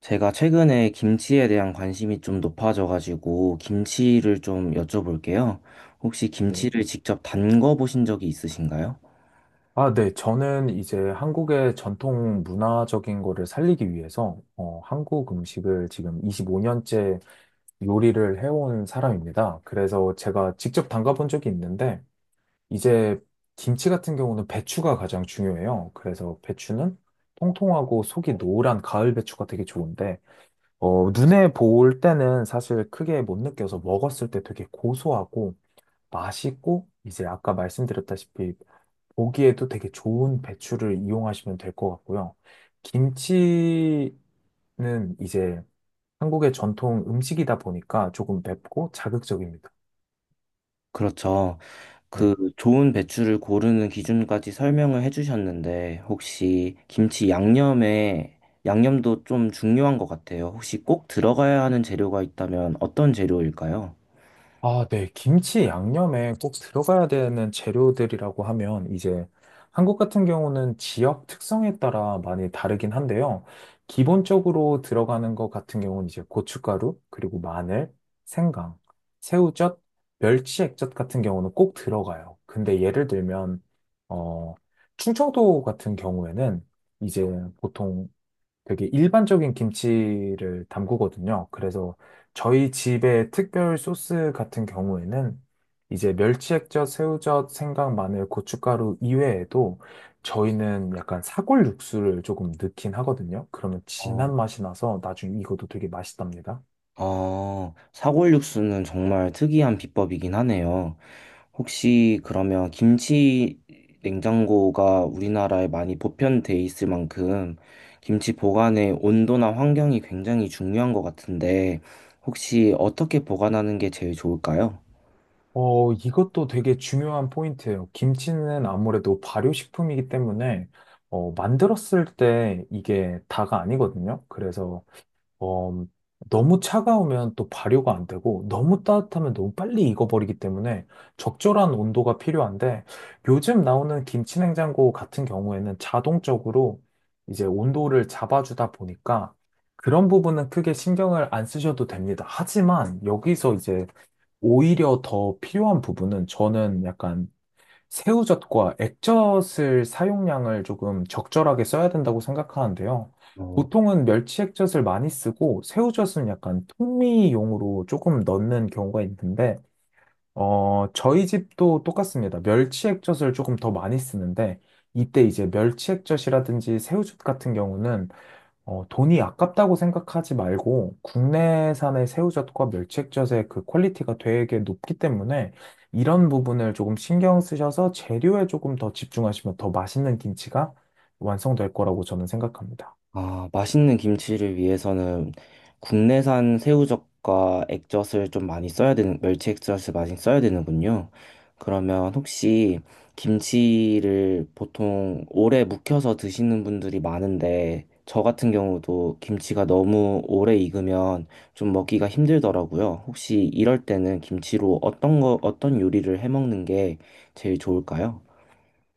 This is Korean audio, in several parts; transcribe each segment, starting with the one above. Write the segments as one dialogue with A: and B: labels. A: 제가 최근에 김치에 대한 관심이 좀 높아져가지고 김치를 좀 여쭤볼게요. 혹시
B: 네.
A: 김치를 직접 담궈 보신 적이 있으신가요?
B: 아, 네. 저는 이제 한국의 전통 문화적인 거를 살리기 위해서 한국 음식을 지금 25년째 요리를 해온 사람입니다. 그래서 제가 직접 담가본 적이 있는데 이제 김치 같은 경우는 배추가 가장 중요해요. 그래서 배추는 통통하고 속이 노란 가을 배추가 되게 좋은데 눈에 보일 때는 사실 크게 못 느껴서 먹었을 때 되게 고소하고 맛있고 이제 아까 말씀드렸다시피 보기에도 되게 좋은 배추를 이용하시면 될 것 같고요. 김치는 이제 한국의 전통 음식이다 보니까 조금 맵고 자극적입니다.
A: 그렇죠. 그
B: 네.
A: 좋은 배추를 고르는 기준까지 설명을 해주셨는데 혹시 김치 양념에 양념도 좀 중요한 것 같아요. 혹시 꼭 들어가야 하는 재료가 있다면 어떤 재료일까요?
B: 아, 네. 김치 양념에 꼭 들어가야 되는 재료들이라고 하면 이제 한국 같은 경우는 지역 특성에 따라 많이 다르긴 한데요. 기본적으로 들어가는 것 같은 경우는 이제 고춧가루, 그리고 마늘, 생강, 새우젓, 멸치 액젓 같은 경우는 꼭 들어가요. 근데 예를 들면, 어, 충청도 같은 경우에는 이제 보통 되게 일반적인 김치를 담그거든요. 그래서 저희 집의 특별 소스 같은 경우에는 이제 멸치액젓, 새우젓, 생강, 마늘, 고춧가루 이외에도 저희는 약간 사골 육수를 조금 넣긴 하거든요. 그러면 진한
A: 어,
B: 맛이 나서 나중에 이것도 되게 맛있답니다.
A: 사골육수는 정말 특이한 비법이긴 하네요. 혹시 그러면 김치 냉장고가 우리나라에 많이 보편돼 있을 만큼 김치 보관의 온도나 환경이 굉장히 중요한 것 같은데 혹시 어떻게 보관하는 게 제일 좋을까요?
B: 이것도 되게 중요한 포인트예요. 김치는 아무래도 발효식품이기 때문에 만들었을 때 이게 다가 아니거든요. 그래서 어, 너무 차가우면 또 발효가 안 되고 너무 따뜻하면 너무 빨리 익어버리기 때문에 적절한 온도가 필요한데 요즘 나오는 김치냉장고 같은 경우에는 자동적으로 이제 온도를 잡아주다 보니까 그런 부분은 크게 신경을 안 쓰셔도 됩니다. 하지만 여기서 이제 오히려 더 필요한 부분은 저는 약간 새우젓과 액젓을 사용량을 조금 적절하게 써야 된다고 생각하는데요.
A: 어,
B: 보통은 멸치 액젓을 많이 쓰고 새우젓은 약간 통미용으로 조금 넣는 경우가 있는데, 저희 집도 똑같습니다. 멸치 액젓을 조금 더 많이 쓰는데, 이때 이제 멸치 액젓이라든지 새우젓 같은 경우는 돈이 아깝다고 생각하지 말고 국내산의 새우젓과 멸치액젓의 그 퀄리티가 되게 높기 때문에 이런 부분을 조금 신경 쓰셔서 재료에 조금 더 집중하시면 더 맛있는 김치가 완성될 거라고 저는 생각합니다.
A: 아, 맛있는 김치를 위해서는 국내산 새우젓과 액젓을 좀 많이 써야 되는, 멸치 액젓을 많이 써야 되는군요. 그러면 혹시 김치를 보통 오래 묵혀서 드시는 분들이 많은데, 저 같은 경우도 김치가 너무 오래 익으면 좀 먹기가 힘들더라고요. 혹시 이럴 때는 김치로 어떤 거, 어떤 요리를 해 먹는 게 제일 좋을까요?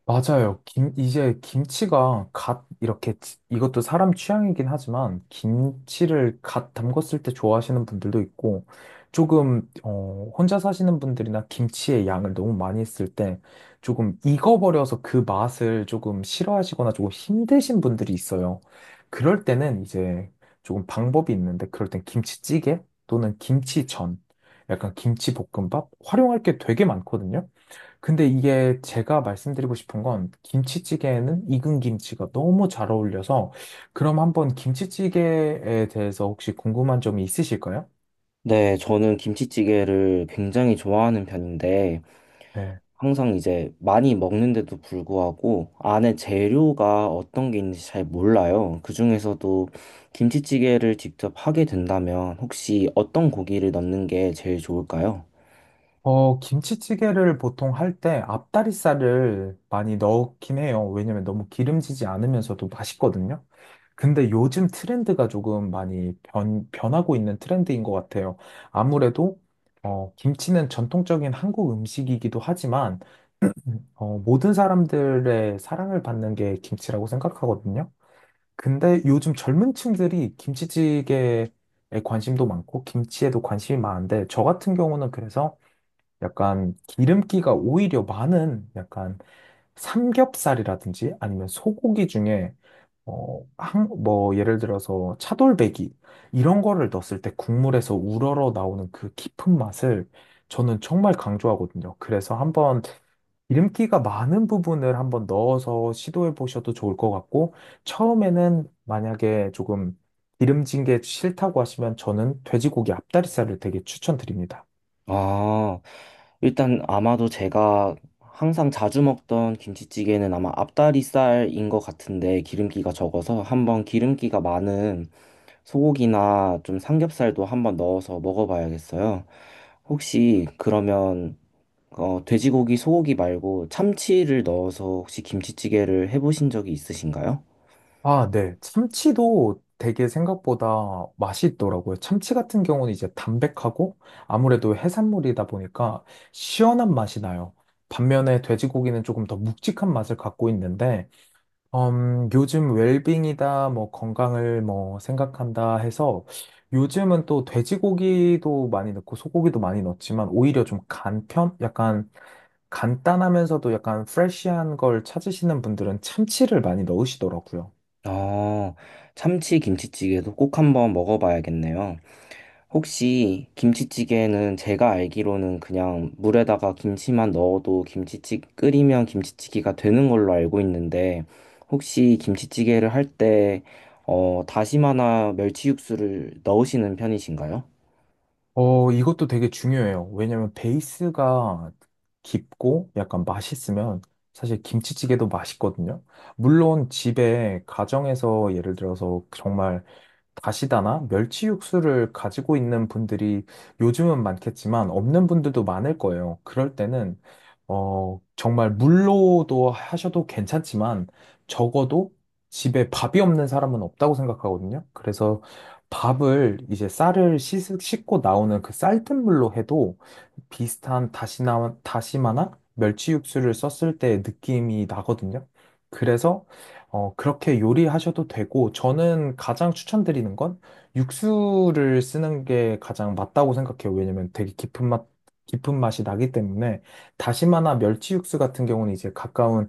B: 맞아요. 김, 이제 김치가 갓 이렇게 이것도 사람 취향이긴 하지만 김치를 갓 담궜을 때 좋아하시는 분들도 있고 조금 혼자 사시는 분들이나 김치의 양을 너무 많이 했을 때 조금 익어버려서 그 맛을 조금 싫어하시거나 조금 힘드신 분들이 있어요. 그럴 때는 이제 조금 방법이 있는데 그럴 땐 김치찌개 또는 김치전 약간 김치볶음밥 활용할 게 되게 많거든요. 근데 이게 제가 말씀드리고 싶은 건 김치찌개에는 익은 김치가 너무 잘 어울려서 그럼 한번 김치찌개에 대해서 혹시 궁금한 점이 있으실까요?
A: 네, 저는 김치찌개를 굉장히 좋아하는 편인데,
B: 네.
A: 항상 이제 많이 먹는데도 불구하고 안에 재료가 어떤 게 있는지 잘 몰라요. 그중에서도 김치찌개를 직접 하게 된다면 혹시 어떤 고기를 넣는 게 제일 좋을까요?
B: 김치찌개를 보통 할 때 앞다리살을 많이 넣긴 해요. 왜냐면 너무 기름지지 않으면서도 맛있거든요. 근데 요즘 트렌드가 조금 많이 변하고 있는 트렌드인 것 같아요. 아무래도 김치는 전통적인 한국 음식이기도 하지만 모든 사람들의 사랑을 받는 게 김치라고 생각하거든요. 근데 요즘 젊은 층들이 김치찌개에 관심도 많고 김치에도 관심이 많은데 저 같은 경우는 그래서 약간 기름기가 오히려 많은 약간 삼겹살이라든지 아니면 소고기 중에 한, 뭐 예를 들어서 차돌배기 이런 거를 넣었을 때 국물에서 우러러 나오는 그 깊은 맛을 저는 정말 강조하거든요. 그래서 한번 기름기가 많은 부분을 한번 넣어서 시도해 보셔도 좋을 것 같고, 처음에는 만약에 조금 기름진 게 싫다고 하시면 저는 돼지고기 앞다리살을 되게 추천드립니다.
A: 아, 일단 아마도 제가 항상 자주 먹던 김치찌개는 아마 앞다리살인 것 같은데 기름기가 적어서 한번 기름기가 많은 소고기나 좀 삼겹살도 한번 넣어서 먹어봐야겠어요. 혹시 그러면 돼지고기, 소고기 말고 참치를 넣어서 혹시 김치찌개를 해보신 적이 있으신가요?
B: 아, 네. 참치도 되게 생각보다 맛이 있더라고요. 참치 같은 경우는 이제 담백하고 아무래도 해산물이다 보니까 시원한 맛이 나요. 반면에 돼지고기는 조금 더 묵직한 맛을 갖고 있는데, 요즘 웰빙이다, 뭐 건강을 뭐 생각한다 해서 요즘은 또 돼지고기도 많이 넣고 소고기도 많이 넣지만 오히려 좀 간편? 약간 간단하면서도 약간 프레쉬한 걸 찾으시는 분들은 참치를 많이 넣으시더라고요.
A: 아... 참치 김치찌개도 꼭 한번 먹어봐야겠네요. 혹시 김치찌개는 제가 알기로는 그냥 물에다가 김치만 넣어도 김치찌, 끓이면 김치찌개가 되는 걸로 알고 있는데, 혹시 김치찌개를 할 때, 다시마나 멸치 육수를 넣으시는 편이신가요?
B: 이것도 되게 중요해요. 왜냐면 베이스가 깊고 약간 맛있으면 사실 김치찌개도 맛있거든요. 물론 집에 가정에서 예를 들어서 정말 다시다나 멸치 육수를 가지고 있는 분들이 요즘은 많겠지만 없는 분들도 많을 거예요. 그럴 때는 정말 물로도 하셔도 괜찮지만 적어도 집에 밥이 없는 사람은 없다고 생각하거든요. 그래서 밥을 이제 쌀을 씻고 나오는 그 쌀뜨물 물로 해도 비슷한 다시마나 멸치 육수를 썼을 때 느낌이 나거든요. 그래서 그렇게 요리하셔도 되고, 저는 가장 추천드리는 건 육수를 쓰는 게 가장 맞다고 생각해요. 왜냐면 되게 깊은 맛, 깊은 맛이 나기 때문에 다시마나 멸치 육수 같은 경우는 이제 가까운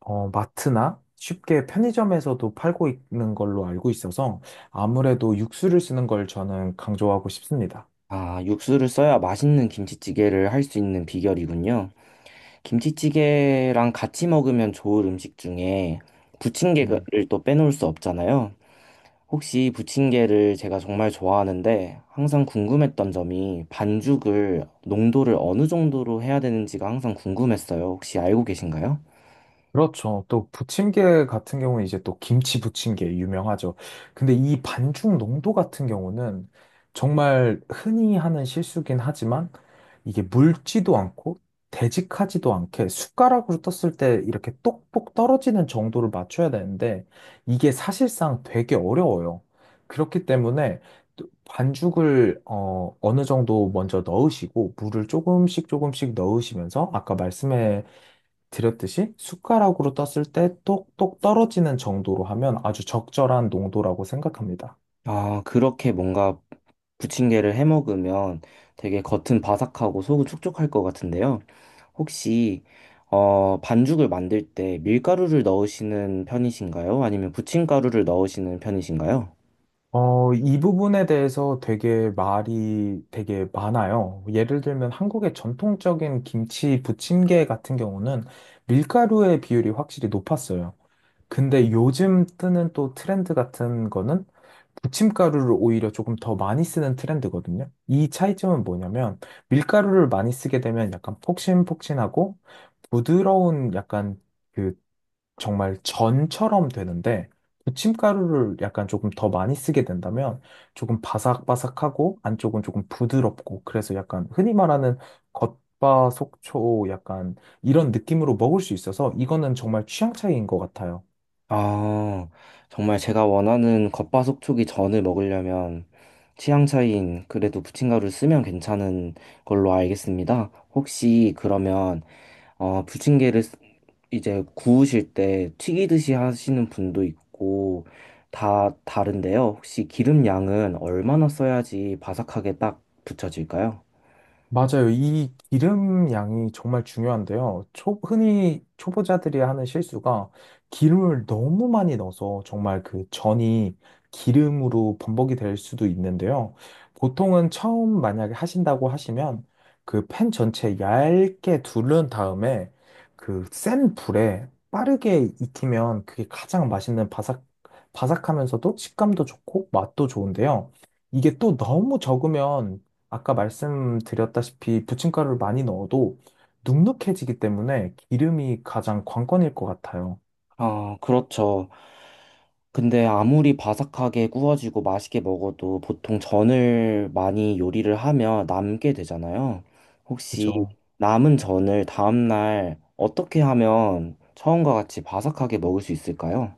B: 마트나 쉽게 편의점에서도 팔고 있는 걸로 알고 있어서 아무래도 육수를 쓰는 걸 저는 강조하고 싶습니다.
A: 아, 육수를 써야 맛있는 김치찌개를 할 수 있는 비결이군요. 김치찌개랑 같이 먹으면 좋을 음식 중에
B: 네.
A: 부침개를 또 빼놓을 수 없잖아요. 혹시 부침개를 제가 정말 좋아하는데 항상 궁금했던 점이 반죽을 농도를 어느 정도로 해야 되는지가 항상 궁금했어요. 혹시 알고 계신가요?
B: 그렇죠. 또 부침개 같은 경우는 이제 또 김치 부침개 유명하죠. 근데 이 반죽 농도 같은 경우는 정말 흔히 하는 실수긴 하지만 이게 묽지도 않고 되직하지도 않게 숟가락으로 떴을 때 이렇게 똑똑 떨어지는 정도를 맞춰야 되는데 이게 사실상 되게 어려워요. 그렇기 때문에 또 반죽을 어느 정도 먼저 넣으시고 물을 조금씩 조금씩 넣으시면서 아까 말씀해 드렸듯이 숟가락으로 떴을 때 똑똑 떨어지는 정도로 하면 아주 적절한 농도라고 생각합니다.
A: 아, 그렇게 뭔가 부침개를 해 먹으면 되게 겉은 바삭하고 속은 촉촉할 것 같은데요. 혹시 반죽을 만들 때 밀가루를 넣으시는 편이신가요? 아니면 부침가루를 넣으시는 편이신가요?
B: 이 부분에 대해서 되게 말이 되게 많아요. 예를 들면 한국의 전통적인 김치 부침개 같은 경우는 밀가루의 비율이 확실히 높았어요. 근데 요즘 뜨는 또 트렌드 같은 거는 부침가루를 오히려 조금 더 많이 쓰는 트렌드거든요. 이 차이점은 뭐냐면 밀가루를 많이 쓰게 되면 약간 폭신폭신하고 부드러운 약간 그 정말 전처럼 되는데 부침가루를 약간 조금 더 많이 쓰게 된다면 조금 바삭바삭하고 안쪽은 조금 부드럽고 그래서 약간 흔히 말하는 겉바속촉 약간 이런 느낌으로 먹을 수 있어서 이거는 정말 취향 차이인 것 같아요.
A: 아, 정말 제가 원하는 겉바속촉이 전을 먹으려면 취향 차이인 그래도 부침가루를 쓰면 괜찮은 걸로 알겠습니다. 혹시 그러면 부침개를 이제 구우실 때 튀기듯이 하시는 분도 있고 다 다른데요. 혹시 기름 양은 얼마나 써야지 바삭하게 딱 붙여질까요?
B: 맞아요. 이 기름 양이 정말 중요한데요. 흔히 초보자들이 하는 실수가 기름을 너무 많이 넣어서 정말 그 전이 기름으로 범벅이 될 수도 있는데요. 보통은 처음 만약에 하신다고 하시면 그 팬 전체 얇게 두른 다음에 그 센 불에 빠르게 익히면 그게 가장 맛있는 바삭하면서도 식감도 좋고 맛도 좋은데요. 이게 또 너무 적으면 아까 말씀드렸다시피 부침가루를 많이 넣어도 눅눅해지기 때문에 기름이 가장 관건일 것 같아요.
A: 아, 그렇죠. 근데 아무리 바삭하게 구워지고 맛있게 먹어도 보통 전을 많이 요리를 하면 남게 되잖아요. 혹시
B: 그죠?
A: 남은 전을 다음날 어떻게 하면 처음과 같이 바삭하게 먹을 수 있을까요?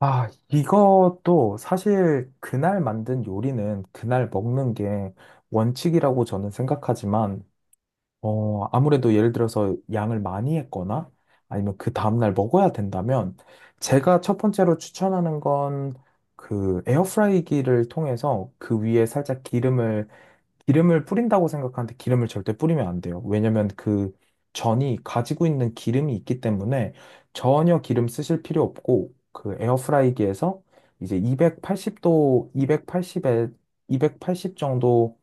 B: 아, 이것도 사실 그날 만든 요리는 그날 먹는 게 원칙이라고 저는 생각하지만, 아무래도 예를 들어서 양을 많이 했거나 아니면 그 다음날 먹어야 된다면 제가 첫 번째로 추천하는 건 그 에어프라이기를 통해서 그 위에 살짝 기름을 뿌린다고 생각하는데 기름을 절대 뿌리면 안 돼요. 왜냐면 그 전이 가지고 있는 기름이 있기 때문에 전혀 기름 쓰실 필요 없고 그 에어프라이기에서 이제 280도, 280에 280 정도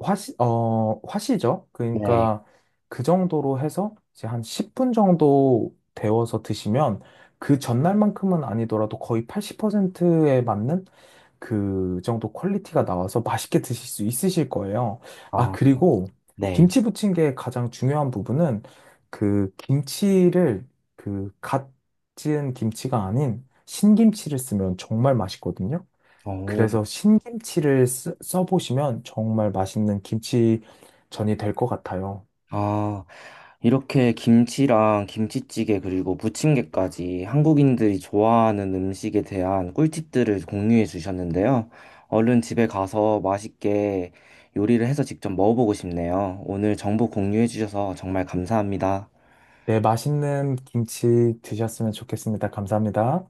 B: 화시죠.
A: 네.
B: 그러니까 그 정도로 해서 이제 한 10분 정도 데워서 드시면 그 전날만큼은 아니더라도 거의 80%에 맞는 그 정도 퀄리티가 나와서 맛있게 드실 수 있으실 거예요. 아,
A: 아,
B: 그리고
A: 네.
B: 김치 부침개의 가장 중요한 부분은 그 김치를 그갓 지은 김치가 아닌 신김치를 쓰면 정말 맛있거든요.
A: 어,
B: 그래서 신김치를 써보시면 정말 맛있는 김치전이 될 것 같아요.
A: 아, 이렇게 김치랑 김치찌개 그리고 부침개까지 한국인들이 좋아하는 음식에 대한 꿀팁들을 공유해 주셨는데요. 얼른 집에 가서 맛있게 요리를 해서 직접 먹어보고 싶네요. 오늘 정보 공유해 주셔서 정말 감사합니다.
B: 네, 맛있는 김치 드셨으면 좋겠습니다. 감사합니다.